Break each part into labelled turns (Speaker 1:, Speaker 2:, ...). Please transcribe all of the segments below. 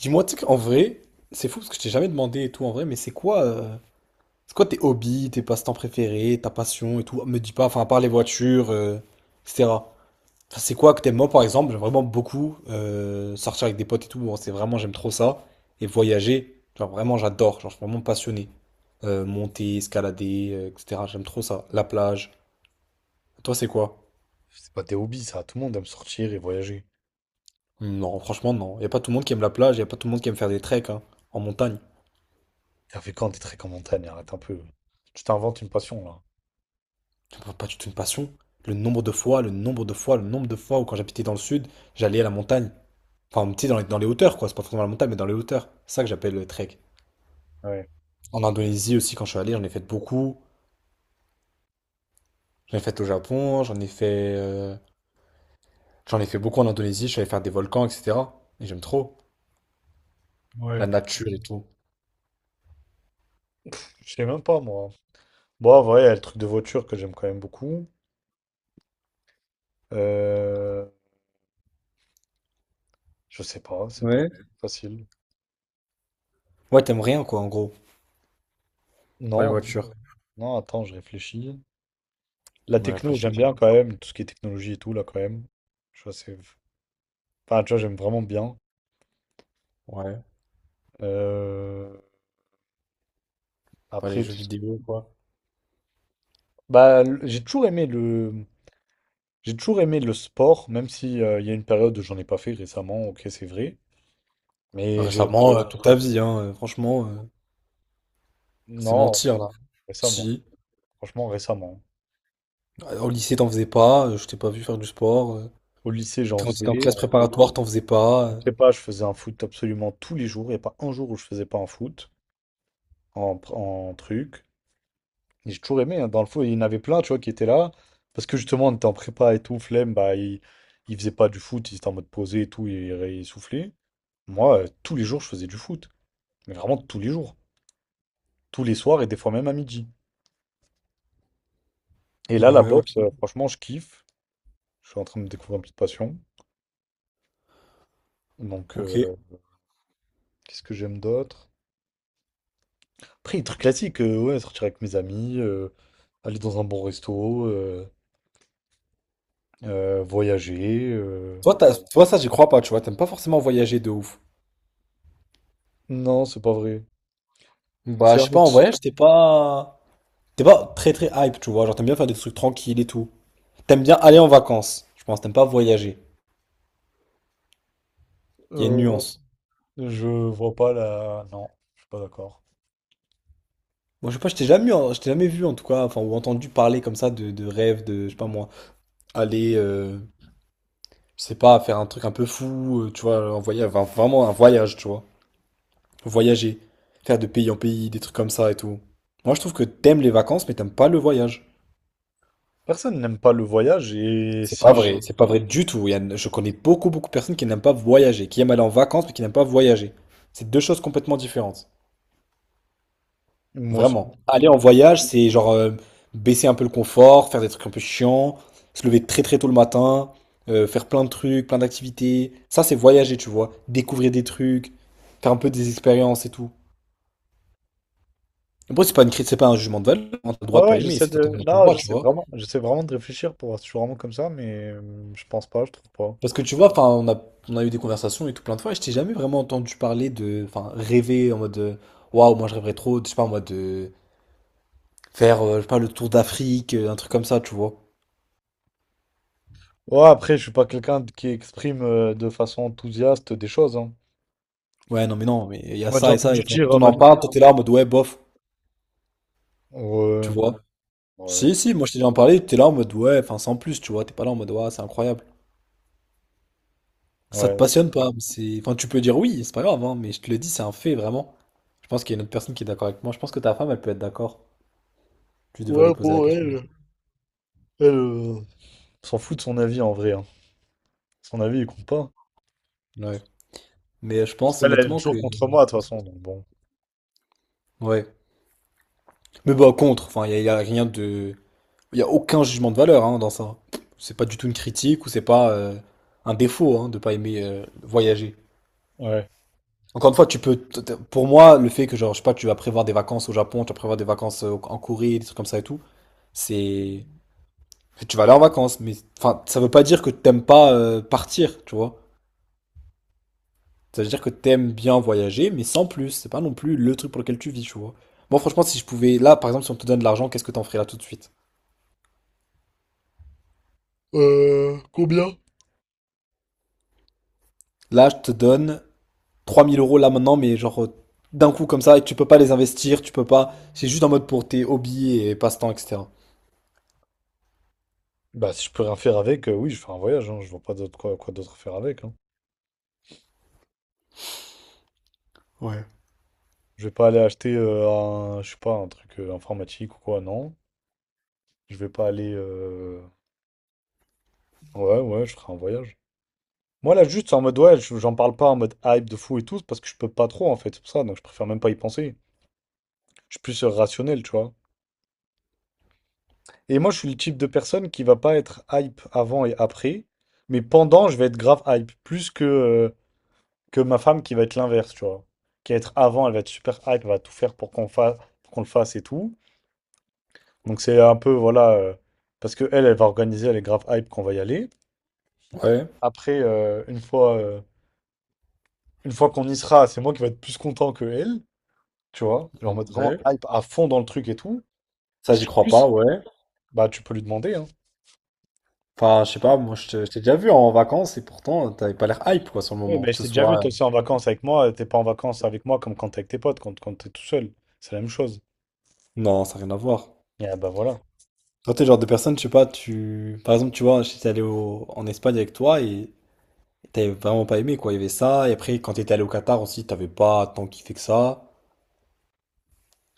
Speaker 1: Dis-moi, tu sais qu'en vrai, c'est fou parce que je t'ai jamais demandé et tout en vrai, mais c'est quoi tes hobbies, tes passe-temps préférés, ta passion et tout? Me dis pas, enfin, à part les voitures, etc. Enfin, c'est quoi que t'aimes, moi par exemple, j'aime vraiment beaucoup sortir avec des potes et tout, bon, c'est vraiment, j'aime trop ça. Et voyager, genre vraiment, j'adore, genre je suis vraiment passionné. Monter, escalader, etc. J'aime trop ça. La plage. Toi, c'est quoi?
Speaker 2: C'est pas tes hobbies, ça. Tout le monde aime sortir et voyager.
Speaker 1: Hmm, non, franchement, non. Y a pas tout le monde qui aime la plage, y a pas tout le monde qui aime faire des treks, hein, en montagne.
Speaker 2: T'as fait quand des treks en montagne? Arrête un peu. Tu t'inventes une passion, là.
Speaker 1: Pas du tout une passion. Le nombre de fois, le nombre de fois, le nombre de fois où quand j'habitais dans le sud, j'allais à la montagne. Enfin, tu sais, dans les hauteurs, quoi. C'est pas forcément la montagne, mais dans les hauteurs. C'est ça que j'appelle le trek.
Speaker 2: Ouais.
Speaker 1: En Indonésie aussi, quand je suis allé, j'en ai fait beaucoup. J'en ai fait au Japon, j'en ai fait beaucoup en Indonésie. Je suis allé faire des volcans, etc. Et j'aime trop la
Speaker 2: Ouais.
Speaker 1: nature et tout.
Speaker 2: Je sais même pas, moi. Bon, en vrai, il y a le truc de voiture que j'aime quand même beaucoup. Euh... Je sais pas, c'est pas
Speaker 1: Ouais.
Speaker 2: facile.
Speaker 1: Ouais, t'aimes rien, quoi, en gros, pour les
Speaker 2: Non,
Speaker 1: voitures.
Speaker 2: non, attends, je réfléchis. La
Speaker 1: Ouais,
Speaker 2: techno,
Speaker 1: réfléchis.
Speaker 2: j'aime bien quand même. Tout ce qui est technologie et tout, là, quand même. Je vois, c'est... Enfin, tu vois, j'aime vraiment bien.
Speaker 1: Ouais,
Speaker 2: Euh,
Speaker 1: pour les
Speaker 2: Après,
Speaker 1: jeux vidéo, quoi.
Speaker 2: bah, j'ai toujours aimé le... J'ai toujours aimé le sport, même si il y a une période où j'en ai pas fait récemment, ok, c'est vrai. Mais j'ai.
Speaker 1: Récemment, toute ta vie, hein, franchement, c'est
Speaker 2: Non,
Speaker 1: mentir, là.
Speaker 2: récemment.
Speaker 1: Si.
Speaker 2: Franchement, récemment.
Speaker 1: Au lycée, t'en faisais pas, je t'ai pas vu faire du sport.
Speaker 2: Au lycée, j'en
Speaker 1: Quand t'étais en
Speaker 2: faisais.
Speaker 1: classe préparatoire, t'en faisais pas.
Speaker 2: En prépa, je faisais un foot absolument tous les jours. Il n'y a pas un jour où je faisais pas un foot en, en truc. Et j'ai toujours aimé, hein. Dans le foot, il y en avait plein, tu vois, qui étaient là. Parce que justement, on était en prépa et tout, flemme, bah, ils faisaient pas du foot, ils étaient en mode posé et tout, ils soufflaient. Moi, tous les jours, je faisais du foot. Mais vraiment tous les jours. Tous les soirs et des fois même à midi. Et là, la
Speaker 1: Ouais, ok.
Speaker 2: boxe, franchement, je kiffe. Je suis en train de me découvrir une petite passion. Donc,
Speaker 1: Ok.
Speaker 2: qu'est-ce que j'aime d'autre? Après, les trucs classiques, ouais, sortir avec mes amis, aller dans un bon resto, voyager.
Speaker 1: Toi, toi, ça, j'y crois pas, tu vois. T'aimes pas forcément voyager de ouf.
Speaker 2: Non, c'est pas vrai.
Speaker 1: Bah,
Speaker 2: C'est
Speaker 1: je
Speaker 2: un
Speaker 1: sais pas, en
Speaker 2: ex-
Speaker 1: voyage, t'es pas. T'es pas très très hype, tu vois. Genre, t'aimes bien faire des trucs tranquilles et tout. T'aimes bien aller en vacances, je pense. T'aimes pas voyager. Il y a une
Speaker 2: euh,
Speaker 1: nuance.
Speaker 2: je vois pas la. Non, je suis pas d'accord.
Speaker 1: Moi, je sais pas, je t'ai jamais vu, en tout cas, enfin, ou entendu parler comme ça de rêve, de, je sais pas moi, aller, je sais pas, faire un truc un peu fou, tu vois, en voyage, enfin, vraiment un voyage, tu vois. Voyager, faire de pays en pays, des trucs comme ça et tout. Moi, je trouve que t'aimes les vacances, mais t'aimes pas le voyage.
Speaker 2: Personne n'aime pas le voyage et si j'ai.
Speaker 1: C'est pas vrai du tout. Je connais beaucoup, beaucoup de personnes qui n'aiment pas voyager, qui aiment aller en vacances, mais qui n'aiment pas voyager. C'est deux choses complètement différentes.
Speaker 2: Moi c'est bon.
Speaker 1: Vraiment. Aller en voyage, c'est genre baisser un peu le confort, faire des trucs un peu chiants, se lever très très tôt le matin, faire plein de trucs, plein d'activités. Ça, c'est voyager, tu vois. Découvrir des trucs, faire un peu des expériences et tout. Après, c'est pas une critique, c'est pas un jugement de valeur, hein. T'as le
Speaker 2: Ouais,
Speaker 1: droit de pas
Speaker 2: ouais,
Speaker 1: aimer,
Speaker 2: j'essaie
Speaker 1: c'est
Speaker 2: de.
Speaker 1: totalement ton
Speaker 2: Non,
Speaker 1: droit, tu vois.
Speaker 2: j'essaie vraiment de réfléchir pour voir si je suis vraiment comme ça, mais je pense pas, je trouve pas.
Speaker 1: Parce que tu vois, enfin, on a eu des conversations et tout plein de fois, et je t'ai jamais vraiment entendu parler de, enfin, rêver en mode, waouh, moi je rêverais trop, je sais pas, moi, de faire, je sais pas, le tour d'Afrique, un truc comme ça, tu vois.
Speaker 2: Ouais, après, je suis pas qui exprime de façon enthousiaste des choses, hein.
Speaker 1: Ouais, non, mais non, mais il y
Speaker 2: Tu
Speaker 1: a
Speaker 2: m'as déjà
Speaker 1: ça et ça,
Speaker 2: entendu
Speaker 1: et enfin,
Speaker 2: dire
Speaker 1: quand
Speaker 2: en
Speaker 1: on en
Speaker 2: mode.
Speaker 1: parle, toi t'es là en mode, ouais, bof, tu
Speaker 2: Ouais,
Speaker 1: vois.
Speaker 2: ouais,
Speaker 1: Si, si, moi je t'ai déjà en parlé, t'es là en mode, ouais, enfin, sans plus, tu vois, t'es pas là en mode, ouais, c'est incroyable. Ça te
Speaker 2: ouais.
Speaker 1: passionne pas, mais c'est, enfin, tu peux dire oui, c'est pas grave, hein, mais je te le dis, c'est un fait, vraiment. Je pense qu'il y a une autre personne qui est d'accord avec moi, je pense que ta femme, elle peut être d'accord. Tu devrais
Speaker 2: Ouais,
Speaker 1: lui poser la
Speaker 2: pour
Speaker 1: question.
Speaker 2: elle. Elle s'en fout de son avis en vrai, hein. Son avis, il compte pas.
Speaker 1: Ouais. Mais je pense
Speaker 2: Elle, elle est
Speaker 1: honnêtement que.
Speaker 2: toujours contre moi, de toute façon, donc bon.
Speaker 1: Ouais. Mais bah, contre, enfin, il n'y a, y a rien de. Il n'y a aucun jugement de valeur, hein, dans ça. C'est pas du tout une critique ou c'est pas un défaut, hein, de pas aimer voyager.
Speaker 2: Ouais.
Speaker 1: Encore une fois, tu peux. Pour moi, le fait que, genre, je sais pas, tu vas prévoir des vacances au Japon, tu vas prévoir des vacances en Corée, des trucs comme ça et tout, c'est. Tu vas aller en vacances, mais enfin, ça veut pas dire que t'aimes pas partir, tu vois. Ça veut dire que t'aimes bien voyager, mais sans plus. C'est pas non plus le truc pour lequel tu vis, tu vois. Moi, franchement, si je pouvais. Là, par exemple, si on te donne de l'argent, qu'est-ce que t'en ferais là tout de suite?
Speaker 2: Non.
Speaker 1: Là, je te donne 3 000 € là maintenant, mais genre d'un coup comme ça, et tu peux pas les investir, tu peux pas. C'est juste en mode pour tes hobbies et passe-temps, etc.
Speaker 2: Bah, si je peux rien faire avec, oui, je fais un voyage, hein. Je vois pas d'autre quoi, quoi d'autre faire avec, hein.
Speaker 1: Ouais.
Speaker 2: Je vais pas aller acheter un, je sais pas, un truc informatique ou quoi, non. Je vais pas aller. Ouais, ouais, je ferai un voyage. Moi là juste c'est en mode ouais, j'en parle pas en mode hype de fou et tout, parce que je peux pas trop en fait, c'est pour ça, donc je préfère même pas y penser. Je suis plus rationnel, tu vois. Et moi je suis le type de personne qui va pas être hype avant et après, mais pendant je vais être grave hype, plus que ma femme qui va être l'inverse, tu vois. Qui va être avant, elle va être super hype, elle va tout faire pour qu'on fasse, qu'on le fasse et tout. Donc c'est un peu, voilà, parce que elle, elle va organiser, elle est grave hype qu'on va y aller.
Speaker 1: Ouais,
Speaker 2: Après, une fois qu'on y sera, c'est moi qui vais être plus content que elle. Tu vois? Genre en mode vraiment
Speaker 1: ouais.
Speaker 2: hype à fond dans le truc et tout.
Speaker 1: Ça,
Speaker 2: Parce
Speaker 1: j'y
Speaker 2: que en
Speaker 1: crois pas,
Speaker 2: plus,
Speaker 1: ouais.
Speaker 2: bah tu peux lui demander, hein.
Speaker 1: Enfin, je sais pas, moi, je t'ai déjà vu en vacances et pourtant, t'avais pas l'air hype, quoi, sur le
Speaker 2: Oui,
Speaker 1: moment.
Speaker 2: mais
Speaker 1: Que
Speaker 2: je
Speaker 1: ce
Speaker 2: t'ai déjà vu,
Speaker 1: soit.
Speaker 2: toi aussi en vacances avec moi, t'es pas en vacances avec moi comme quand t'es avec tes potes, quand t'es tout seul. C'est la même chose.
Speaker 1: Non, ça n'a rien à voir.
Speaker 2: Et ah bah voilà.
Speaker 1: Toi, t'es le genre de personne, je sais pas, tu. Par exemple, tu vois, j'étais allé en Espagne avec toi et t'avais vraiment pas aimé, quoi. Il y avait ça. Et après, quand t'étais allé au Qatar aussi, t'avais pas tant kiffé que ça.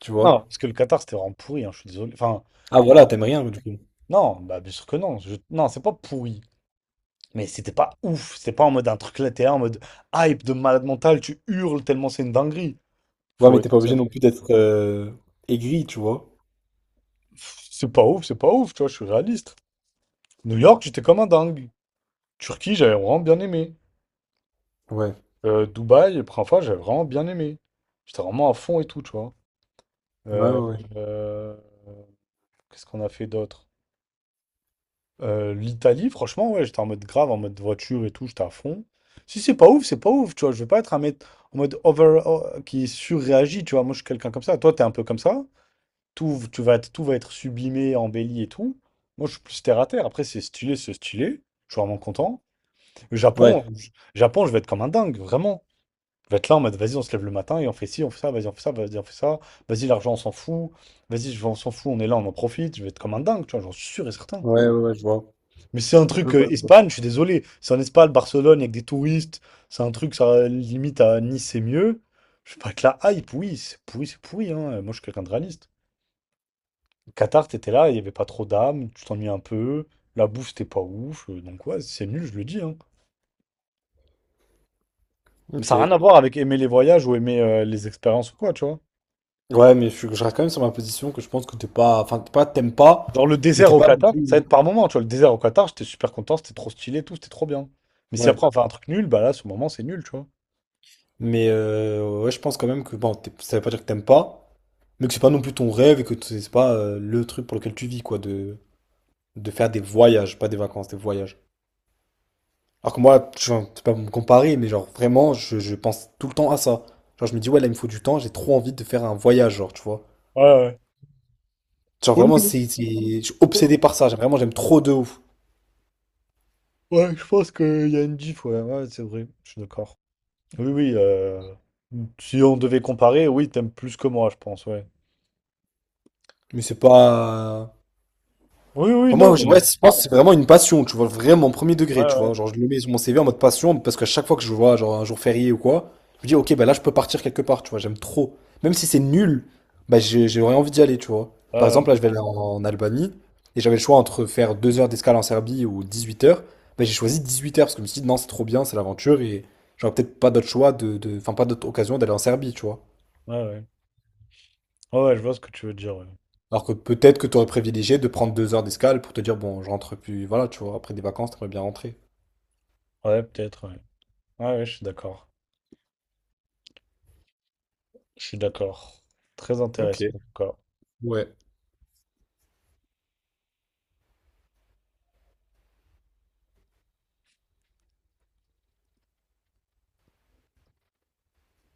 Speaker 1: Tu
Speaker 2: Non,
Speaker 1: vois?
Speaker 2: parce que le Qatar, c'était vraiment pourri, hein, je suis désolé. Enfin,
Speaker 1: Ah
Speaker 2: ah,
Speaker 1: voilà, t'aimes rien, du coup.
Speaker 2: non, bah bien sûr que non. Je- Non, c'est pas pourri. Mais c'était pas ouf. C'était pas en mode un truc là, t'es là en mode hype de malade mental, tu hurles tellement c'est une dinguerie.
Speaker 1: Ouais,
Speaker 2: Faut
Speaker 1: mais t'es
Speaker 2: être.
Speaker 1: pas obligé
Speaker 2: Tiens,
Speaker 1: non plus d'être aigri, tu vois?
Speaker 2: pff, c'est pas ouf, c'est pas ouf, tu vois, je suis réaliste. New York, j'étais comme un dingue. Turquie, j'avais vraiment bien aimé.
Speaker 1: Ouais.
Speaker 2: Dubaï, la première fois, j'avais vraiment bien aimé. J'étais vraiment à fond et tout, tu vois.
Speaker 1: Ouais,
Speaker 2: Euh,
Speaker 1: ouais, ouais.
Speaker 2: euh, qu'est-ce qu'on a fait d'autre? l'Italie, franchement, ouais, j'étais en mode grave, en mode voiture et tout, j'étais à fond. Si c'est pas ouf, c'est pas ouf, tu vois. Je vais pas être un mec en mode over oh, qui surréagit, tu vois. Moi, je suis quelqu'un comme ça. Toi, t'es un peu comme ça. Tout, tu vas être, tout va être sublimé, embelli et tout. Moi, je suis plus terre à terre. Après, c'est stylé, c'est stylé. Je suis vraiment content. Le Japon,
Speaker 1: Ouais,
Speaker 2: Japon, je vais être comme un dingue, vraiment. On va être là en mode, vas-y, on se lève le matin et on fait ci, on fait ça, vas-y, on fait ça, vas-y, on fait ça. Vas-y, l'argent, on s'en fout. Vas-y, je on s'en fout, on est là, on en profite. Je vais être comme un dingue, tu vois, j'en suis sûr et certain.
Speaker 1: ouais, ouais, ouais, je vois.
Speaker 2: Mais c'est un
Speaker 1: Je
Speaker 2: truc
Speaker 1: vois, je vois.
Speaker 2: Espagne, je suis désolé. C'est en Espagne, Barcelone, avec des touristes. C'est un truc, ça limite à Nice, c'est mieux. Je sais pas que la hype, oui, c'est pourri, hein. Moi, je suis quelqu'un de réaliste. Qatar, t'étais là, il y avait pas trop d'âme, tu t'ennuyais un peu. La bouffe, c'était pas ouf. Donc, ouais, c'est nul, je le dis, hein. Mais
Speaker 1: Ok.
Speaker 2: ça n'a rien à voir avec aimer les voyages ou aimer les expériences ou quoi, tu vois.
Speaker 1: Ouais, mais je reste quand même sur ma position que je pense que t'es pas. Enfin, t'es pas, t'aimes pas,
Speaker 2: Genre le
Speaker 1: mais
Speaker 2: désert
Speaker 1: t'es
Speaker 2: au
Speaker 1: pas non
Speaker 2: Qatar, ça
Speaker 1: plus.
Speaker 2: aide par moment, tu vois. Le désert au Qatar, j'étais super content, c'était trop stylé et tout, c'était trop bien. Mais si
Speaker 1: Ouais.
Speaker 2: après on fait un truc nul, bah là, ce moment, c'est nul, tu vois.
Speaker 1: Mais ouais, je pense quand même que bon, ça veut pas dire que t'aimes pas, mais que c'est pas non plus ton rêve et que c'est pas le truc pour lequel tu vis, quoi, de faire des voyages, pas des vacances, des voyages. Alors que moi, je c'est pas pour me comparer, mais genre vraiment, je pense tout le temps à ça. Genre je me dis, ouais, là, il me faut du temps, j'ai trop envie de faire un voyage, genre, tu vois.
Speaker 2: Ouais, ouais.
Speaker 1: Genre
Speaker 2: Oui,
Speaker 1: vraiment,
Speaker 2: oui,
Speaker 1: je suis
Speaker 2: je pense
Speaker 1: obsédé par ça, j'aime vraiment, j'aime trop de ouf.
Speaker 2: ouais, je pense qu'il y a une diff, ouais, ouais, c'est vrai, je suis d'accord. Oui, oui, si on devait comparer, oui, t'aimes plus que moi, je pense, ouais.
Speaker 1: Mais c'est pas.
Speaker 2: Oui, oui,
Speaker 1: Enfin,
Speaker 2: non,
Speaker 1: moi,
Speaker 2: mais...
Speaker 1: ouais, je pense que c'est vraiment une passion, tu vois, vraiment premier
Speaker 2: Ouais,
Speaker 1: degré, tu
Speaker 2: ouais,
Speaker 1: vois. Genre, je le mets sur mon CV en mode passion parce qu'à chaque fois que je vois, genre, un jour férié ou quoi, je me dis, ok, bah là, je peux partir quelque part, tu vois, j'aime trop. Même si c'est nul, bah, j'aurais envie d'y aller, tu vois.
Speaker 2: ouais,
Speaker 1: Par exemple,
Speaker 2: ouais,
Speaker 1: là, je vais aller en Albanie et j'avais le choix entre faire 2 heures d'escale en Serbie ou 18 heures. Bah, j'ai choisi 18 heures parce que je me suis dit, non, c'est trop bien, c'est l'aventure et j'aurais peut-être pas d'autre choix enfin, pas d'autre occasion d'aller en Serbie, tu vois.
Speaker 2: ouais, ouais. Ouais, ouais, je vois ce que tu veux dire, ouais.
Speaker 1: Alors que peut-être que tu aurais privilégié de prendre 2 heures d'escale pour te dire, bon, je rentre plus, voilà, tu vois, après des vacances, t'aimerais bien rentrer.
Speaker 2: Ouais, peut-être, ouais. Ouais, ouais, je suis d'accord. Je suis d'accord. Très intéressant,
Speaker 1: OK.
Speaker 2: en tout cas.
Speaker 1: Ouais.